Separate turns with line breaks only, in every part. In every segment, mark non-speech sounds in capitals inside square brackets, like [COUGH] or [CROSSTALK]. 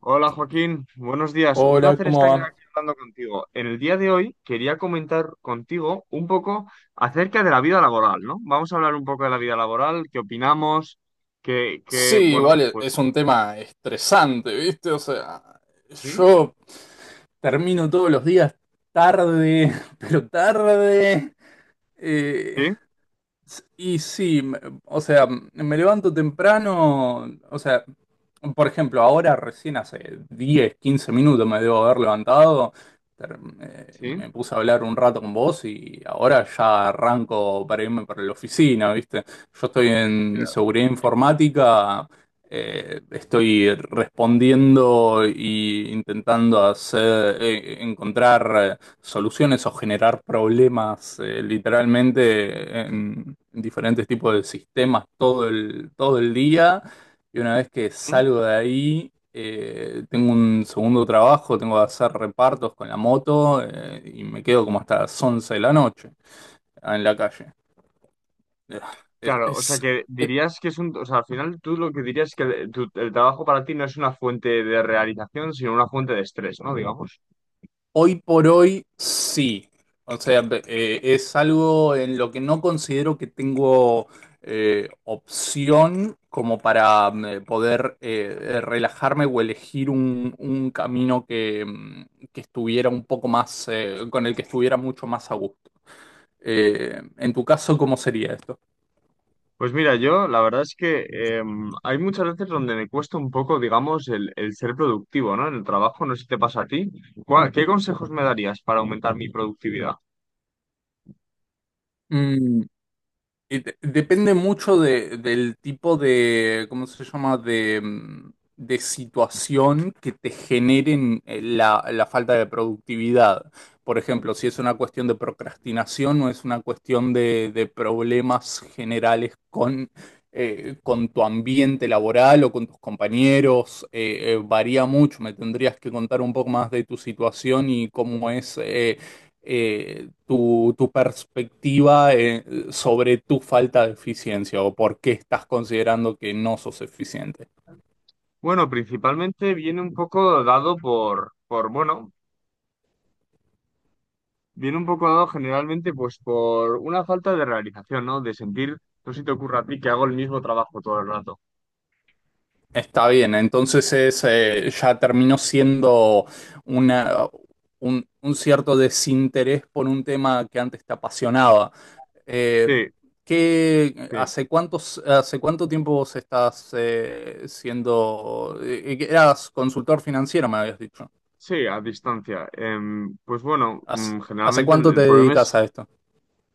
Hola Joaquín, buenos días. Un
Hola,
placer
¿cómo
estar
va?
aquí hablando contigo. En el día de hoy quería comentar contigo un poco acerca de la vida laboral, ¿no? Vamos a hablar un poco de la vida laboral, qué opinamos,
Sí,
bueno,
igual
pues
es un tema estresante, ¿viste? O sea,
sí,
yo, termino todos los días tarde, [LAUGHS] pero tarde. Eh,
sí,
Y sí, o sea, me levanto temprano, o sea, por ejemplo, ahora recién hace 10 15 minutos me debo haber levantado,
sí.
me puse a hablar un rato con vos y ahora ya arranco para irme para la oficina, ¿viste? Yo estoy en
Claro.
seguridad informática, estoy respondiendo e intentando hacer, encontrar soluciones o generar problemas literalmente en diferentes tipos de sistemas todo el día. Y una vez que
¿Mm?
salgo de ahí, tengo un segundo trabajo, tengo que hacer repartos con la moto y me quedo como hasta las 11 de la noche en la calle. Eh,
Claro, o sea
Es,
que dirías que es un, o sea, al final tú lo que dirías es que el trabajo para ti no es una fuente de realización, sino una fuente de estrés, ¿no? Digamos.
Hoy por hoy sí. O sea, es algo en lo que no considero que tengo opción como para poder relajarme o elegir un camino que estuviera un poco más, con el que estuviera mucho más a gusto. En tu caso, ¿cómo sería esto?
Pues mira, yo la verdad es que hay muchas veces donde me cuesta un poco, digamos, el ser productivo, ¿no? En el trabajo, no sé si te pasa a ti. ¿Qué consejos me darías para aumentar mi productividad?
Depende mucho del tipo de, ¿cómo se llama? De situación que te generen la falta de productividad. Por ejemplo, si es una cuestión de procrastinación o es una cuestión de problemas generales con tu ambiente laboral o con tus compañeros, varía mucho. Me tendrías que contar un poco más de tu situación y cómo es. Tu perspectiva sobre tu falta de eficiencia o por qué estás considerando que no sos eficiente.
Bueno, principalmente viene un poco dado bueno, viene un poco dado generalmente pues por una falta de realización, ¿no? De sentir, no sé si te ocurre a ti que hago el mismo trabajo todo el rato.
Está bien, entonces ya terminó siendo una, un cierto desinterés por un tema que antes te apasionaba. Eh,
Sí, sí.
Hace cuánto tiempo vos estás siendo, eras consultor financiero, me habías dicho?
Sí, a distancia. Pues bueno,
¿Hace,
mm,
hace
generalmente
cuánto te
el problema
dedicas
es...
a esto?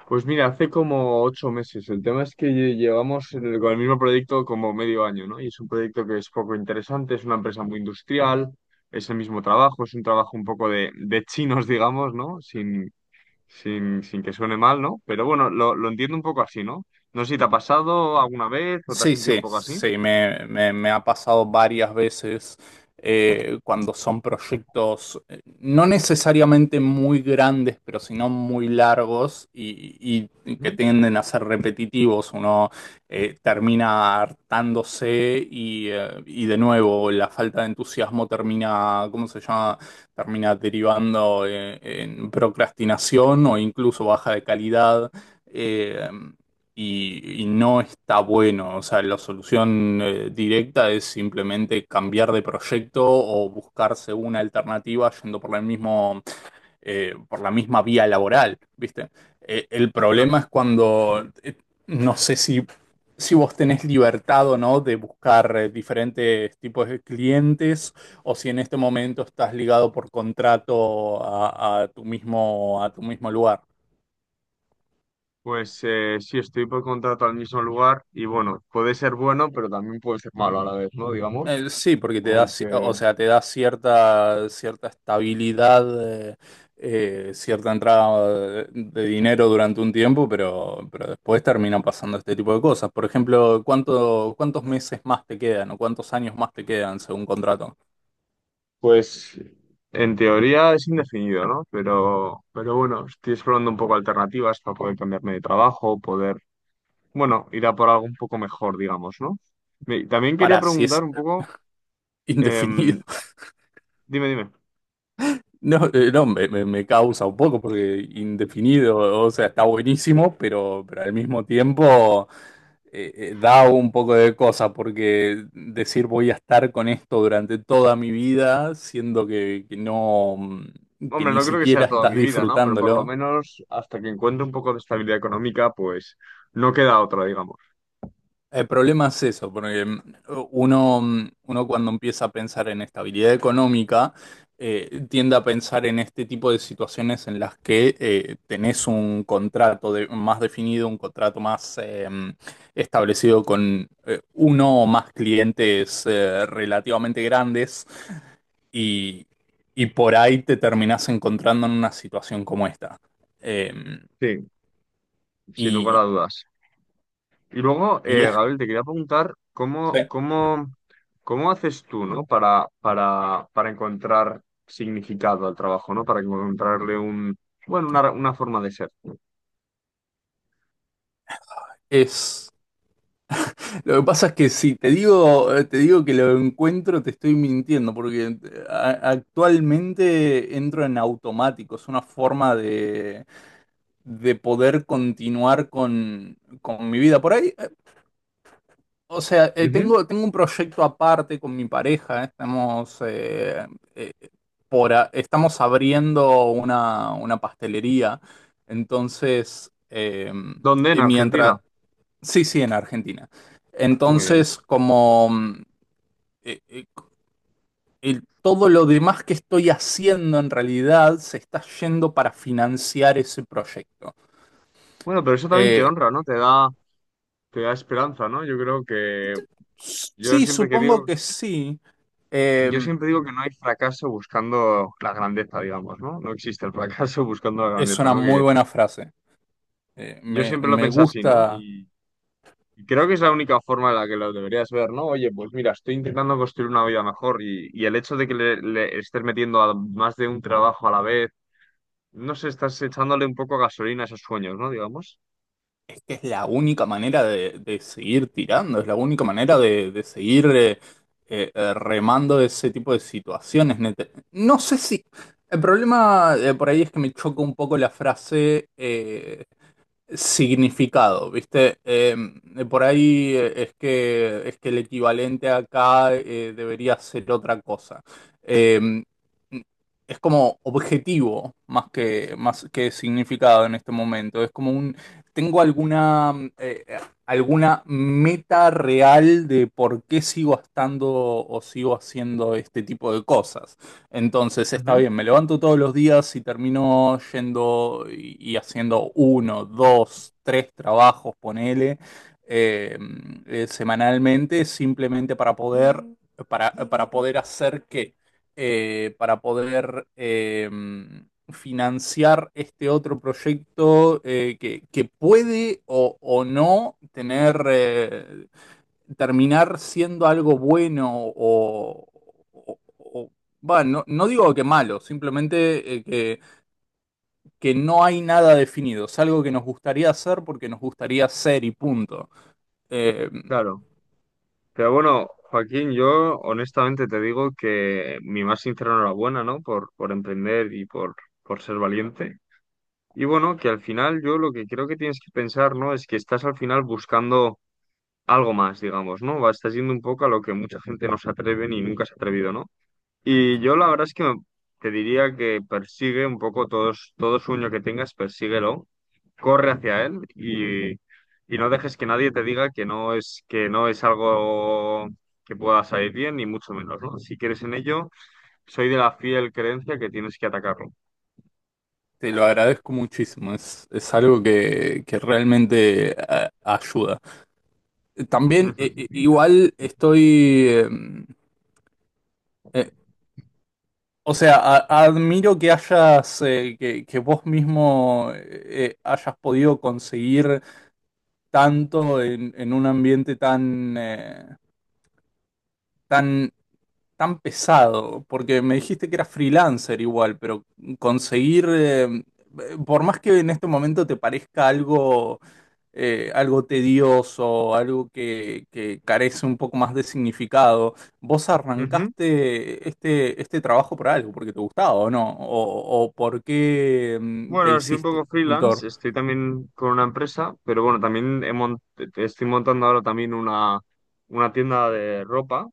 Pues mira, hace como 8 meses. El tema es que llevamos con el mismo proyecto como 1/2 año, ¿no? Y es un proyecto que es poco interesante, es una empresa muy industrial, es el mismo trabajo, es un trabajo un poco de chinos, digamos, ¿no? Sin que suene mal, ¿no? Pero bueno, lo entiendo un poco así, ¿no? No sé si te ha pasado alguna vez o te has
Sí,
sentido un
sí,
poco así.
sí, me ha pasado varias veces cuando son proyectos no necesariamente muy grandes, pero sino muy largos y que
¿Mm?
tienden a ser repetitivos. Uno termina hartándose y de nuevo la falta de entusiasmo termina, ¿cómo se llama? Termina derivando en procrastinación o incluso baja de calidad. Eh, y no está bueno. O sea, la solución directa es simplemente cambiar de proyecto o buscarse una alternativa yendo por el mismo, por la misma vía laboral, ¿viste? El
No,
problema
no.
es cuando no sé si vos tenés libertad o no de buscar diferentes tipos de clientes o si en este momento estás ligado por contrato a tu mismo lugar.
Pues sí, estoy por contrato al mismo lugar y bueno, puede ser bueno, pero también puede ser malo a la vez, ¿no? Digamos,
Sí, porque te da, o
porque...
sea, te da cierta estabilidad, cierta entrada de dinero durante un tiempo, pero después terminan pasando este tipo de cosas. Por ejemplo, ¿cuánto, cuántos meses más te quedan o cuántos años más te quedan según contrato?
Pues en teoría es indefinido, ¿no? Pero bueno, estoy explorando un poco alternativas para poder cambiarme de trabajo, poder, bueno, ir a por algo un poco mejor, digamos, ¿no? También quería
Para si
preguntar
es
un poco, em,
indefinido. [LAUGHS]
dime, dime.
No, no, me causa un poco porque indefinido, o sea, está buenísimo, pero al mismo tiempo. Da un poco de cosa, porque decir voy a estar con esto durante toda mi vida, siendo que no, que
Hombre,
ni
no creo que sea
siquiera
toda
estás
mi vida, ¿no? Pero por lo
disfrutándolo.
menos hasta que encuentre un poco de estabilidad económica, pues no queda otra, digamos.
El problema es eso, porque uno cuando empieza a pensar en estabilidad económica, tiende a pensar en este tipo de situaciones en las que tenés un contrato más definido, un contrato más establecido con uno o más clientes relativamente grandes y, y por ahí te terminás encontrando en una situación como esta. Eh,
Sí, sin lugar
y,
a dudas. Y luego,
y
Gabriel, te quería preguntar cómo haces tú, ¿no? Para encontrar significado al trabajo, ¿no? Para encontrarle un, bueno, una forma de ser.
es Lo que pasa es que si te digo, que lo encuentro, te estoy mintiendo, porque actualmente entro en automático, es una forma de poder continuar con mi vida. Por ahí, o sea,
Ujú.
tengo un proyecto aparte con mi pareja, estamos, eh, estamos abriendo una pastelería, entonces,
¿Dónde? En
y
Argentina.
mientras, sí, sí, en Argentina.
Muy bien.
Entonces, como eh, eh, todo lo demás que estoy haciendo en realidad se está yendo para financiar ese proyecto.
Bueno, pero eso también te
Eh,
honra, ¿no? Te da esperanza, ¿no? Yo creo que yo
sí,
siempre que
supongo
digo,
que sí. Eh,
yo siempre digo que no hay fracaso buscando la grandeza, digamos, ¿no? No existe el fracaso [LAUGHS] buscando la
es
grandeza,
una
¿no?
muy
Que
buena frase. Eh,
yo
me,
siempre lo
me
pensé así, ¿no?
gusta,
Y creo que es la única forma en la que lo deberías ver, ¿no? Oye, pues mira, estoy intentando construir una vida mejor y el hecho de que le estés metiendo a más de un trabajo a la vez, no sé, estás echándole un poco gasolina a esos sueños, ¿no? Digamos.
es que es la única manera de seguir tirando, es la única manera de seguir remando ese tipo de situaciones. Neta. No sé si... El problema por ahí es que me choca un poco la frase significado, ¿viste? Por ahí es que el equivalente acá debería ser otra cosa. Eh, es como objetivo más que significado en este momento. Es como tengo alguna meta real de por qué sigo estando o sigo haciendo este tipo de cosas. Entonces está
Ujú.
bien, me levanto todos los días y termino yendo y haciendo uno, dos, tres trabajos, ponele, eh, semanalmente, simplemente para poder, para poder hacer qué. Para poder financiar este otro proyecto que puede o no tener, terminar siendo algo bueno o, o- o- bueno, no, no digo que malo, simplemente que no hay nada definido, es algo que nos gustaría hacer porque nos gustaría ser y punto. Eh,
Claro. Pero bueno, Joaquín, yo honestamente te digo que mi más sincera enhorabuena, ¿no? Por emprender y por ser valiente. Y bueno, que al final yo lo que creo que tienes que pensar, ¿no? Es que estás al final buscando algo más, digamos, ¿no? Va, estás yendo un poco a lo que mucha gente no se atreve ni nunca se ha atrevido, ¿no? Y yo la verdad es que te diría que persigue un poco todo sueño que tengas, persíguelo, corre hacia él y no dejes que nadie te diga que no es algo que pueda salir bien, ni mucho menos, ¿no? Si quieres en ello, soy de la fiel creencia que tienes que atacarlo.
Te lo agradezco muchísimo, es algo que realmente ayuda. También
Ujú.
igual estoy... eh, o sea, admiro que hayas, que vos mismo hayas podido conseguir tanto en un ambiente tan, tan pesado, porque me dijiste que eras freelancer igual, pero conseguir, por más que en este momento te parezca algo tedioso, algo que carece un poco más de significado, vos
Ujú.
arrancaste este trabajo por algo, porque te gustaba o no, o por qué te
Bueno, soy un
hiciste
poco
consultor.
freelance, estoy también con una empresa, pero bueno, también estoy montando ahora también una tienda de ropa.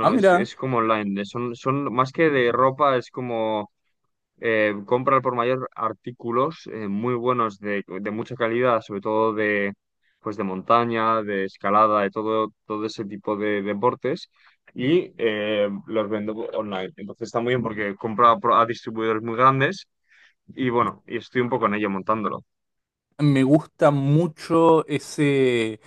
Ah, mira,
es como online, son, son más que de ropa, es como compra al por mayor artículos muy buenos de mucha calidad, sobre todo de, pues de montaña, de escalada, de todo, todo ese tipo de deportes y los vendo online. Entonces está muy bien porque a distribuidores muy grandes y bueno, y estoy un poco en ello montándolo.
me gusta mucho ese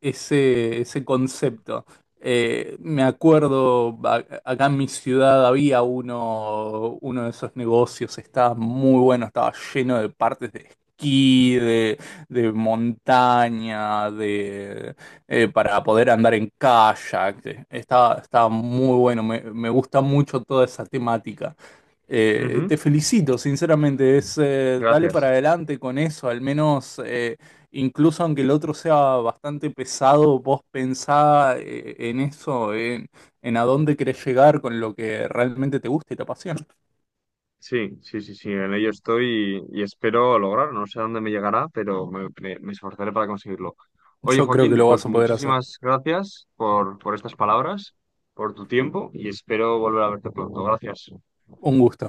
ese, ese concepto. Me acuerdo, acá en mi ciudad había uno de esos negocios, estaba muy bueno, estaba lleno de partes de esquí, de montaña, para poder andar en kayak. Estaba muy bueno, me gusta mucho toda esa temática.
Ujú,
Te felicito, sinceramente, dale para
gracias.
adelante con eso, al menos... Incluso aunque el otro sea bastante pesado, vos pensá en eso, en a dónde querés llegar con lo que realmente te gusta y te apasiona.
Sí, sí, sí, sí, en ello estoy y espero lograrlo. No sé a dónde me llegará, pero me esforzaré para conseguirlo. Oye,
Yo creo que
Joaquín,
lo vas
pues
a poder hacer.
muchísimas gracias por estas palabras, por tu tiempo y espero volver a verte pronto. Gracias.
Un gusto.